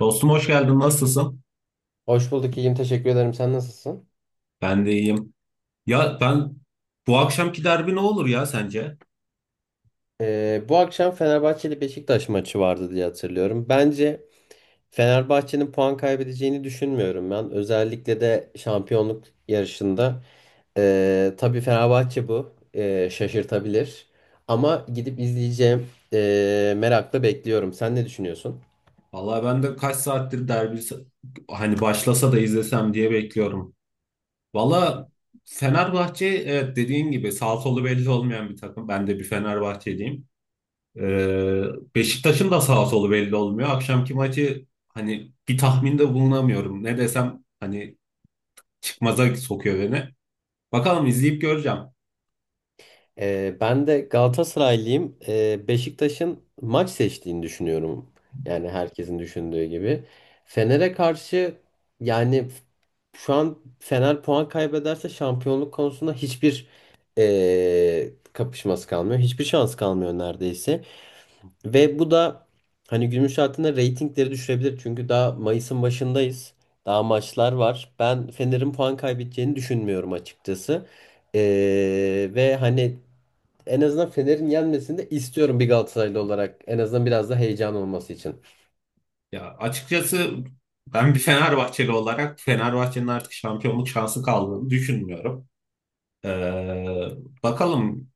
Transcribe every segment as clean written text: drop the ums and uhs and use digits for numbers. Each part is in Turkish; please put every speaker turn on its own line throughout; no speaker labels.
Dostum hoş geldin. Nasılsın?
Hoş bulduk. İyiyim, teşekkür ederim. Sen nasılsın?
Ben de iyiyim. Ya, bu akşamki derbi ne olur ya sence?
Bu akşam Fenerbahçe ile Beşiktaş maçı vardı diye hatırlıyorum. Bence Fenerbahçe'nin puan kaybedeceğini düşünmüyorum ben. Özellikle de şampiyonluk yarışında. Tabii Fenerbahçe bu. Şaşırtabilir. Ama gidip izleyeceğim. Merakla bekliyorum. Sen ne düşünüyorsun?
Vallahi ben de kaç saattir derbi hani başlasa da izlesem diye bekliyorum. Vallahi Fenerbahçe evet dediğin gibi sağ solu belli olmayan bir takım. Ben de bir Fenerbahçeliyim. Ee, Beşiktaş'ın da sağ solu belli olmuyor. Akşamki maçı hani bir tahminde bulunamıyorum. Ne desem hani çıkmaza sokuyor beni. Bakalım izleyip göreceğim.
Ben de Galatasaraylıyım. Beşiktaş'ın maç seçtiğini düşünüyorum. Yani herkesin düşündüğü gibi. Fener'e karşı yani şu an Fener puan kaybederse şampiyonluk konusunda hiçbir kapışması kalmıyor. Hiçbir şans kalmıyor neredeyse. Ve bu da hani günün şartında reytingleri düşürebilir. Çünkü daha Mayıs'ın başındayız. Daha maçlar var. Ben Fener'in puan kaybedeceğini düşünmüyorum açıkçası. Ve hani en azından Fener'in yenmesini de istiyorum bir Galatasaraylı olarak. En azından biraz da heyecan olması için.
Ya açıkçası ben bir Fenerbahçeli olarak Fenerbahçe'nin artık şampiyonluk şansı kaldığını düşünmüyorum. Ee, bakalım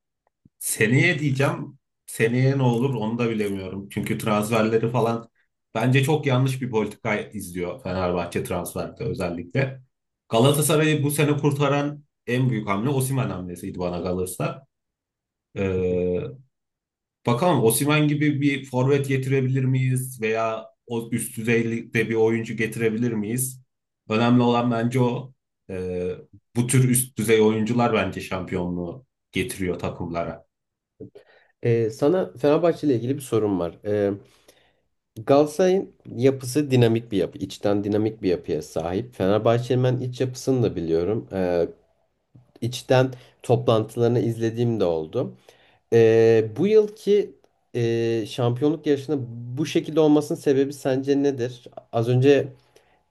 seneye diyeceğim. Seneye ne olur onu da bilemiyorum. Çünkü transferleri falan bence çok yanlış bir politika izliyor Fenerbahçe transferde özellikle. Galatasaray'ı bu sene kurtaran en büyük hamle Osimhen hamlesiydi bana kalırsa.
Hı hı.
Ee, Bakalım Osimhen gibi bir forvet getirebilir miyiz veya o üst düzeyde bir oyuncu getirebilir miyiz? Önemli olan bence o. Ee, bu tür üst düzey oyuncular bence şampiyonluğu getiriyor takımlara.
Sana Fenerbahçe ile ilgili bir sorum var. Galatasaray'ın yapısı dinamik bir yapı, içten dinamik bir yapıya sahip. Fenerbahçe'nin ben iç yapısını da biliyorum. İçten toplantılarını izlediğim de oldu. Bu yılki şampiyonluk yarışında bu şekilde olmasının sebebi sence nedir? Az önce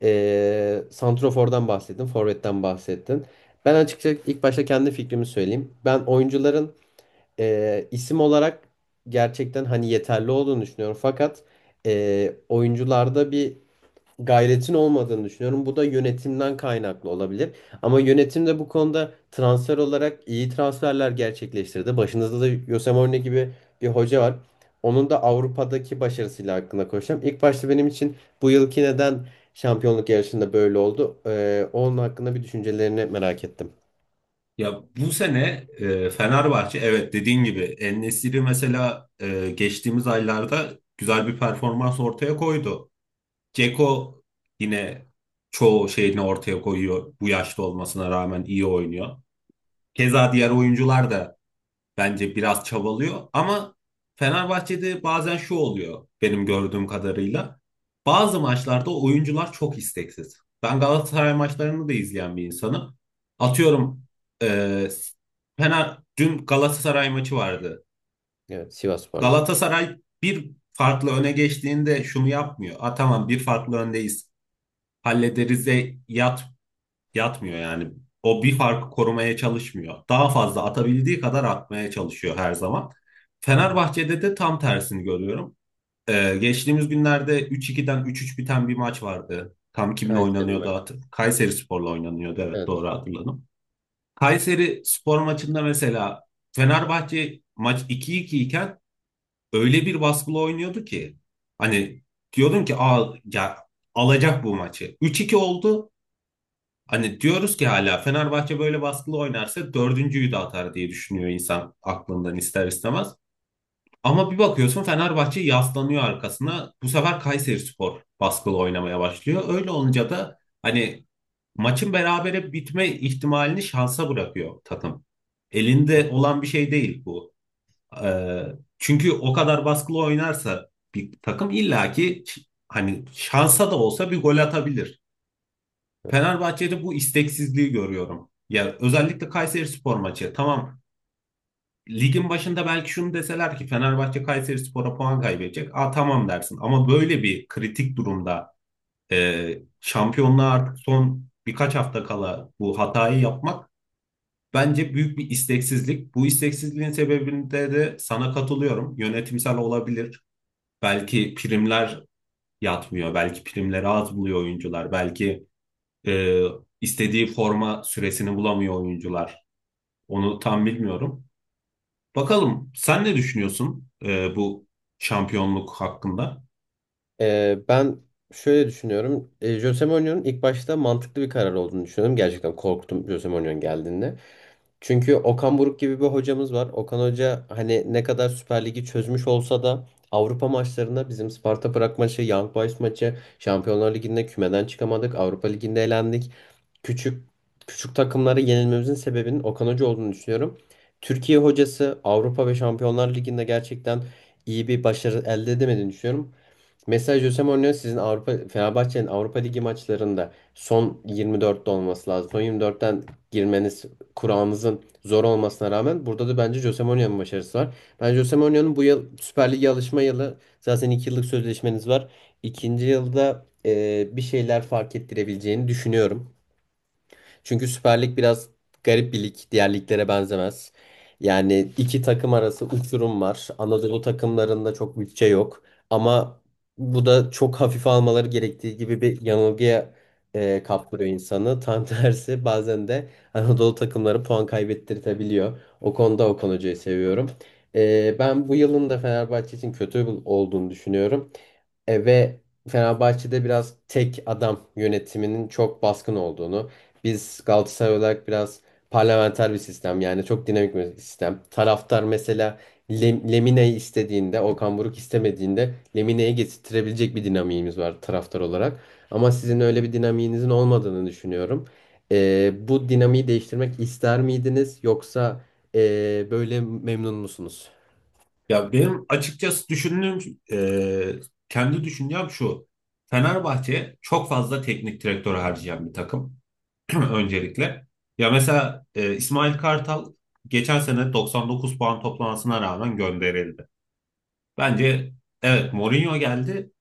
Santrofor'dan bahsettin, Forvet'ten bahsettin. Ben açıkçası ilk başta kendi fikrimi söyleyeyim. Ben oyuncuların isim olarak gerçekten hani yeterli olduğunu düşünüyorum. Fakat oyuncularda bir gayretin olmadığını düşünüyorum. Bu da yönetimden kaynaklı olabilir. Ama yönetim de bu konuda transfer olarak iyi transferler gerçekleştirdi. Başınızda da Jose Mourinho gibi bir hoca var. Onun da Avrupa'daki başarısıyla hakkında konuşacağım. İlk başta benim için bu yılki neden şampiyonluk yarışında böyle oldu? Onun hakkında bir düşüncelerini merak ettim.
Ya bu sene Fenerbahçe evet dediğin gibi En-Nesyri mesela geçtiğimiz aylarda güzel bir performans ortaya koydu. Ceko yine çoğu şeyini ortaya koyuyor. Bu yaşta olmasına rağmen iyi oynuyor. Keza diğer oyuncular da bence biraz çabalıyor ama Fenerbahçe'de bazen şu oluyor benim gördüğüm kadarıyla. Bazı maçlarda oyuncular çok isteksiz. Ben Galatasaray maçlarını da izleyen bir insanım. Atıyorum eee Fener dün Galatasaray maçı vardı.
Evet, Sivasspor'la.
Galatasaray bir farklı öne geçtiğinde şunu yapmıyor. Ha tamam bir farklı öndeyiz hallederiz'e yat, yatmıyor yani. O bir farkı korumaya çalışmıyor. Daha fazla atabildiği kadar atmaya çalışıyor her zaman.
Hı hı.
Fenerbahçe'de de tam tersini görüyorum. Geçtiğimiz günlerde 3-2'den 3-3 biten bir maç vardı. Tam kimle
Kayseri
oynanıyordu
maçı.
hatır. Kayserispor'la oynanıyordu evet doğru
Evet.
hatırladım. Kayseri spor maçında mesela Fenerbahçe maç 2-2 iken öyle bir baskılı oynuyordu ki hani diyordum ki Aa, ya alacak bu maçı. 3-2 oldu. Hani diyoruz ki hala Fenerbahçe böyle baskılı oynarsa dördüncüyü de atar diye düşünüyor insan aklından ister istemez. Ama bir bakıyorsun Fenerbahçe yaslanıyor arkasına. Bu sefer Kayserispor baskılı oynamaya başlıyor. Öyle olunca da hani maçın berabere bitme ihtimalini şansa bırakıyor takım.
Hı.
Elinde olan bir şey değil bu. Ee, çünkü o kadar baskılı oynarsa bir takım illaki hani şansa da olsa bir gol atabilir. Fenerbahçe'de bu isteksizliği görüyorum. Ya özellikle Kayserispor maçı. Tamam. Ligin başında belki şunu deseler ki Fenerbahçe Kayserispor'a puan kaybedecek. Aa tamam dersin. Ama böyle bir kritik durumda şampiyonluğa artık son birkaç hafta kala bu hatayı yapmak bence büyük bir isteksizlik. Bu isteksizliğin sebebinde de sana katılıyorum. Yönetimsel olabilir. Belki primler yatmıyor. Belki primleri az buluyor oyuncular. Belki Ee, istediği forma süresini bulamıyor oyuncular. Onu tam bilmiyorum. Bakalım sen ne düşünüyorsun bu şampiyonluk hakkında?
Ben şöyle düşünüyorum. Jose Mourinho'nun ilk başta mantıklı bir karar olduğunu düşünüyorum. Gerçekten korktum Jose Mourinho'nun geldiğinde. Çünkü Okan Buruk gibi bir hocamız var. Okan Hoca hani ne kadar Süper Lig'i çözmüş olsa da Avrupa maçlarında bizim Sparta Prag maçı, Young Boys maçı, Şampiyonlar Ligi'nde kümeden çıkamadık. Avrupa Ligi'nde elendik. Küçük küçük takımlara yenilmemizin sebebinin Okan Hoca olduğunu düşünüyorum. Türkiye hocası Avrupa ve Şampiyonlar Ligi'nde gerçekten iyi bir başarı elde edemediğini düşünüyorum. Mesela Jose Mourinho sizin Avrupa Fenerbahçe'nin Avrupa Ligi maçlarında son 24'te olması lazım. Son 24'ten girmeniz kurağınızın zor olmasına rağmen burada da bence Jose Mourinho'nun başarısı var. Bence Jose Mourinho'nun bu yıl Süper Lig'e alışma yılı, zaten 2 yıllık sözleşmeniz var. İkinci yılda bir şeyler fark ettirebileceğini düşünüyorum. Çünkü Süper Lig biraz garip bir lig. Diğer liglere benzemez. Yani iki takım arası uçurum var. Anadolu takımlarında çok bütçe yok. Ama bu da çok hafife almaları gerektiği gibi bir yanılgıya kaptırıyor insanı. Tam tersi bazen de Anadolu takımları puan kaybettirtebiliyor. O konuda Okan Hoca'yı seviyorum. Ben bu yılın da Fenerbahçe için kötü olduğunu düşünüyorum. Ve Fenerbahçe'de biraz tek adam yönetiminin çok baskın olduğunu, biz Galatasaray olarak biraz parlamenter bir sistem, yani çok dinamik bir sistem. Taraftar mesela Lemine'yi istediğinde, Okan Buruk istemediğinde Lemine'yi getirtirebilecek bir dinamiğimiz var taraftar olarak. Ama sizin öyle bir dinamiğinizin olmadığını düşünüyorum. Bu dinamiği değiştirmek ister miydiniz, yoksa böyle memnun musunuz?
Ya benim açıkçası düşündüğüm, kendi düşüncem şu. Fenerbahçe çok fazla teknik direktör harcayan bir takım. Öncelikle, ya mesela İsmail Kartal geçen sene 99 puan toplamasına rağmen gönderildi. Bence evet Mourinho geldi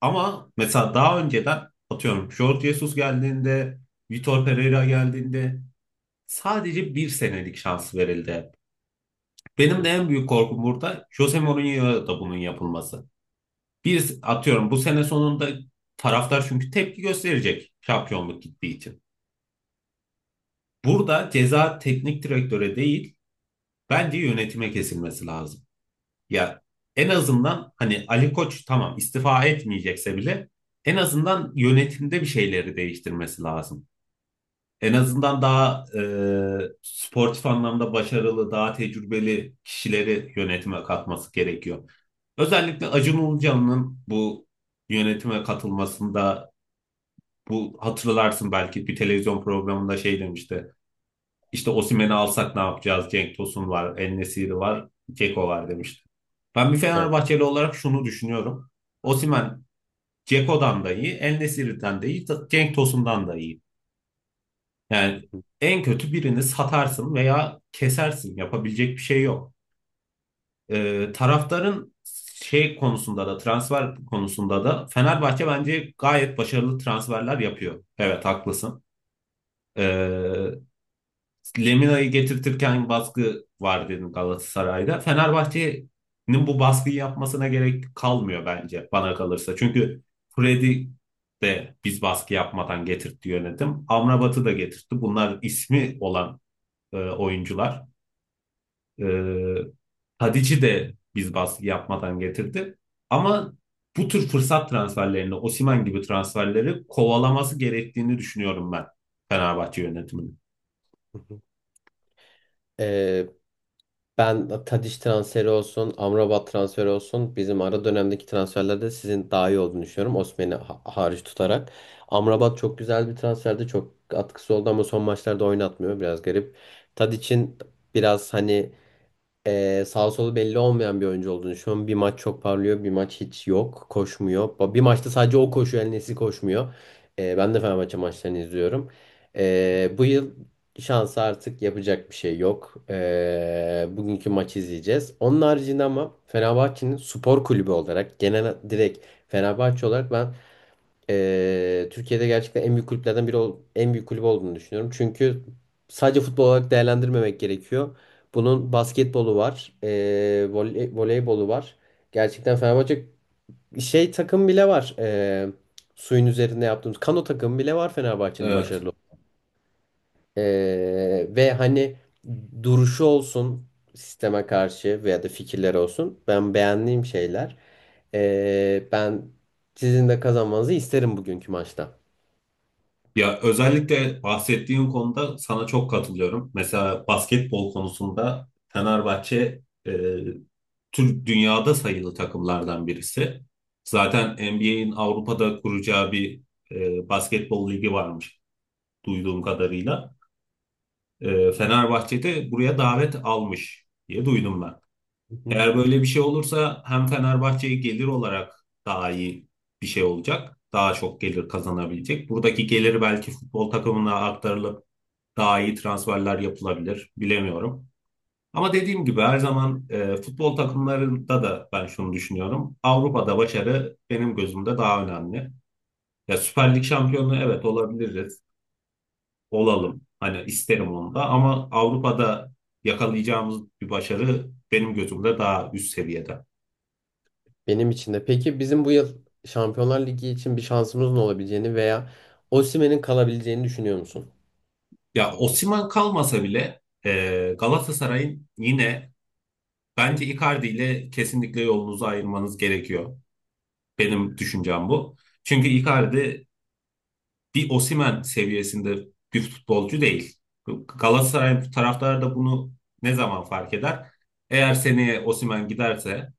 ama mesela daha önceden atıyorum Jorge Jesus geldiğinde, Vitor Pereira geldiğinde sadece bir senelik şans verildi hep. Benim de en büyük korkum burada Jose Mourinho'ya da bunun yapılması. Bir atıyorum bu sene sonunda taraftar çünkü tepki gösterecek şampiyonluk gittiği için. Burada ceza teknik direktöre değil bence yönetime kesilmesi lazım. Ya en azından hani Ali Koç tamam istifa etmeyecekse bile en azından yönetimde bir şeyleri değiştirmesi lazım. En azından daha sportif anlamda başarılı, daha tecrübeli kişileri yönetime katması gerekiyor. Özellikle Acun Ilıcalı'nın bu yönetime katılmasında bu hatırlarsın belki bir televizyon programında şey demişti. İşte Osimhen'i alsak ne yapacağız? Cenk Tosun var, En-Nesyri var, Ceko var demişti. Ben bir
Evet.
Fenerbahçeli olarak şunu düşünüyorum. Osimhen Ceko'dan da iyi, En-Nesyri'den de iyi, Cenk Tosun'dan da iyi. Yani en kötü birini satarsın veya kesersin. Yapabilecek bir şey yok. Taraftarın şey konusunda da transfer konusunda da Fenerbahçe bence gayet başarılı transferler yapıyor. Evet haklısın. Ee, Lemina'yı getirtirken baskı var dedim Galatasaray'da. Fenerbahçe'nin bu baskıyı yapmasına gerek kalmıyor bence bana kalırsa. Çünkü Freddy de biz baskı yapmadan getirtti yönetim. Amrabat'ı da getirtti. Bunlar ismi olan oyuncular. Ee, Tadic'i de biz baskı yapmadan getirdi. Ama bu tür fırsat transferlerini, Osimhen gibi transferleri kovalaması gerektiğini düşünüyorum ben Fenerbahçe yönetiminin.
Ee, Ben Tadiş transferi olsun, Amrabat transferi olsun bizim ara dönemdeki transferlerde sizin daha iyi olduğunu düşünüyorum. Hariç tutarak. Amrabat çok güzel bir transferdi. Çok katkısı oldu ama son maçlarda oynatmıyor. Biraz garip. Tadiç'in biraz hani sağ solu belli olmayan bir oyuncu olduğunu düşünüyorum. Bir maç çok parlıyor, bir maç hiç yok, koşmuyor. Bir maçta sadece o koşuyor, El Nesri koşmuyor. Ben de Fenerbahçe maçlarını izliyorum. Bu yıl şansı artık yapacak bir şey yok. Bugünkü maçı izleyeceğiz. Onun haricinde ama Fenerbahçe'nin spor kulübü olarak, genel direkt Fenerbahçe olarak ben Türkiye'de gerçekten en büyük kulüplerden en büyük kulüp olduğunu düşünüyorum. Çünkü sadece futbol olarak değerlendirmemek gerekiyor. Bunun basketbolu var, voleybolu var. Gerçekten Fenerbahçe şey takım bile var. Suyun üzerinde yaptığımız kano takım bile var, Fenerbahçe'nin
Evet.
başarılı. Ve hani duruşu olsun sisteme karşı veya da fikirleri olsun, ben beğendiğim şeyler. Ben sizin de kazanmanızı isterim bugünkü maçta.
Ya özellikle bahsettiğim konuda sana çok katılıyorum. Mesela basketbol konusunda Fenerbahçe Türk dünyada sayılı takımlardan birisi. Zaten NBA'in Avrupa'da kuracağı bir basketbol ligi varmış duyduğum kadarıyla. E, Fenerbahçe de buraya davet almış diye duydum ben.
Hı hı.
Eğer böyle bir şey olursa hem Fenerbahçe'ye gelir olarak daha iyi bir şey olacak. Daha çok gelir kazanabilecek. Buradaki geliri belki futbol takımına aktarılıp daha iyi transferler yapılabilir. Bilemiyorum. Ama dediğim gibi her zaman futbol takımlarında da ben şunu düşünüyorum. Avrupa'da başarı benim gözümde daha önemli. Ya Süper Lig şampiyonu evet olabiliriz. Olalım. Hani isterim onu da ama Avrupa'da yakalayacağımız bir başarı benim gözümde daha üst seviyede.
Benim için de. Peki bizim bu yıl Şampiyonlar Ligi için bir şansımızın olabileceğini veya Osimhen'in kalabileceğini düşünüyor musun?
Ya Osimhen kalmasa bile Galatasaray'ın yine bence Icardi ile kesinlikle yolunuzu ayırmanız gerekiyor. Benim düşüncem bu. Çünkü Icardi bir Osimhen seviyesinde bir futbolcu değil. Galatasaray taraftarı da bunu ne zaman fark eder? Eğer seneye Osimhen giderse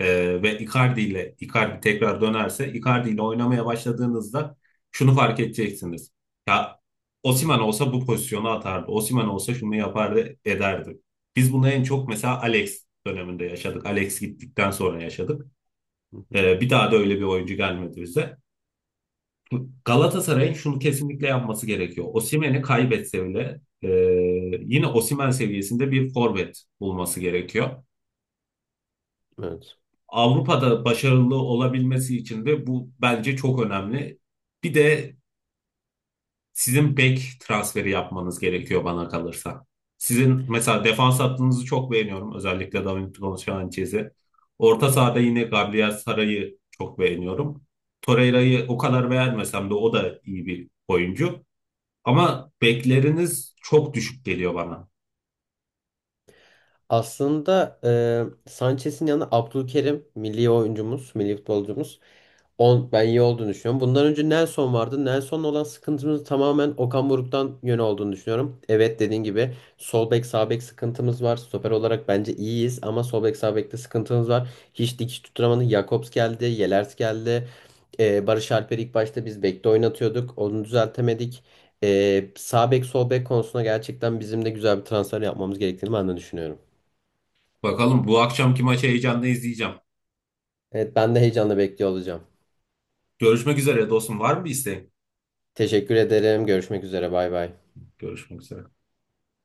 ve Icardi ile tekrar dönerse Icardi ile oynamaya başladığınızda şunu fark edeceksiniz. Ya Osimhen olsa bu pozisyonu atardı. Osimhen olsa şunu yapardı ederdi. Biz bunu en çok mesela Alex döneminde yaşadık. Alex gittikten sonra yaşadık.
Hı hı.
Bir daha da öyle bir oyuncu gelmedi bize. Galatasaray'ın şunu kesinlikle yapması gerekiyor. Osimhen'i kaybetse bile yine Osimhen seviyesinde bir forvet bulması gerekiyor.
Evet.
Avrupa'da başarılı olabilmesi için de bu bence çok önemli. Bir de sizin bek transferi yapmanız gerekiyor bana kalırsa. Sizin mesela defans hattınızı çok beğeniyorum. Özellikle Davinson Sanchez'i. Orta sahada yine Gabriel Saray'ı çok beğeniyorum. Torreira'yı o kadar beğenmesem de o da iyi bir oyuncu. Ama bekleriniz çok düşük geliyor bana.
Aslında Sanchez'in yanına Abdülkerim milli oyuncumuz, milli futbolcumuz. On, ben iyi olduğunu düşünüyorum. Bundan önce Nelson vardı. Nelson'la olan sıkıntımız tamamen Okan Buruk'tan yön olduğunu düşünüyorum. Evet, dediğin gibi sol bek sağ bek sıkıntımız var. Stoper olarak bence iyiyiz ama sol bek sağ bekte sıkıntımız var. Hiç dikiş tutturamadı. Jakobs geldi, Yelers geldi. Barış Alper'i ilk başta biz bekte oynatıyorduk. Onu düzeltemedik. Sağ bek sol bek konusunda gerçekten bizim de güzel bir transfer yapmamız gerektiğini ben de düşünüyorum.
Bakalım bu akşamki maçı heyecanla izleyeceğim.
Evet, ben de heyecanla bekliyor olacağım.
Görüşmek üzere dostum. Var mı bir isteğin?
Teşekkür ederim. Görüşmek üzere. Bay bay.
Görüşmek üzere.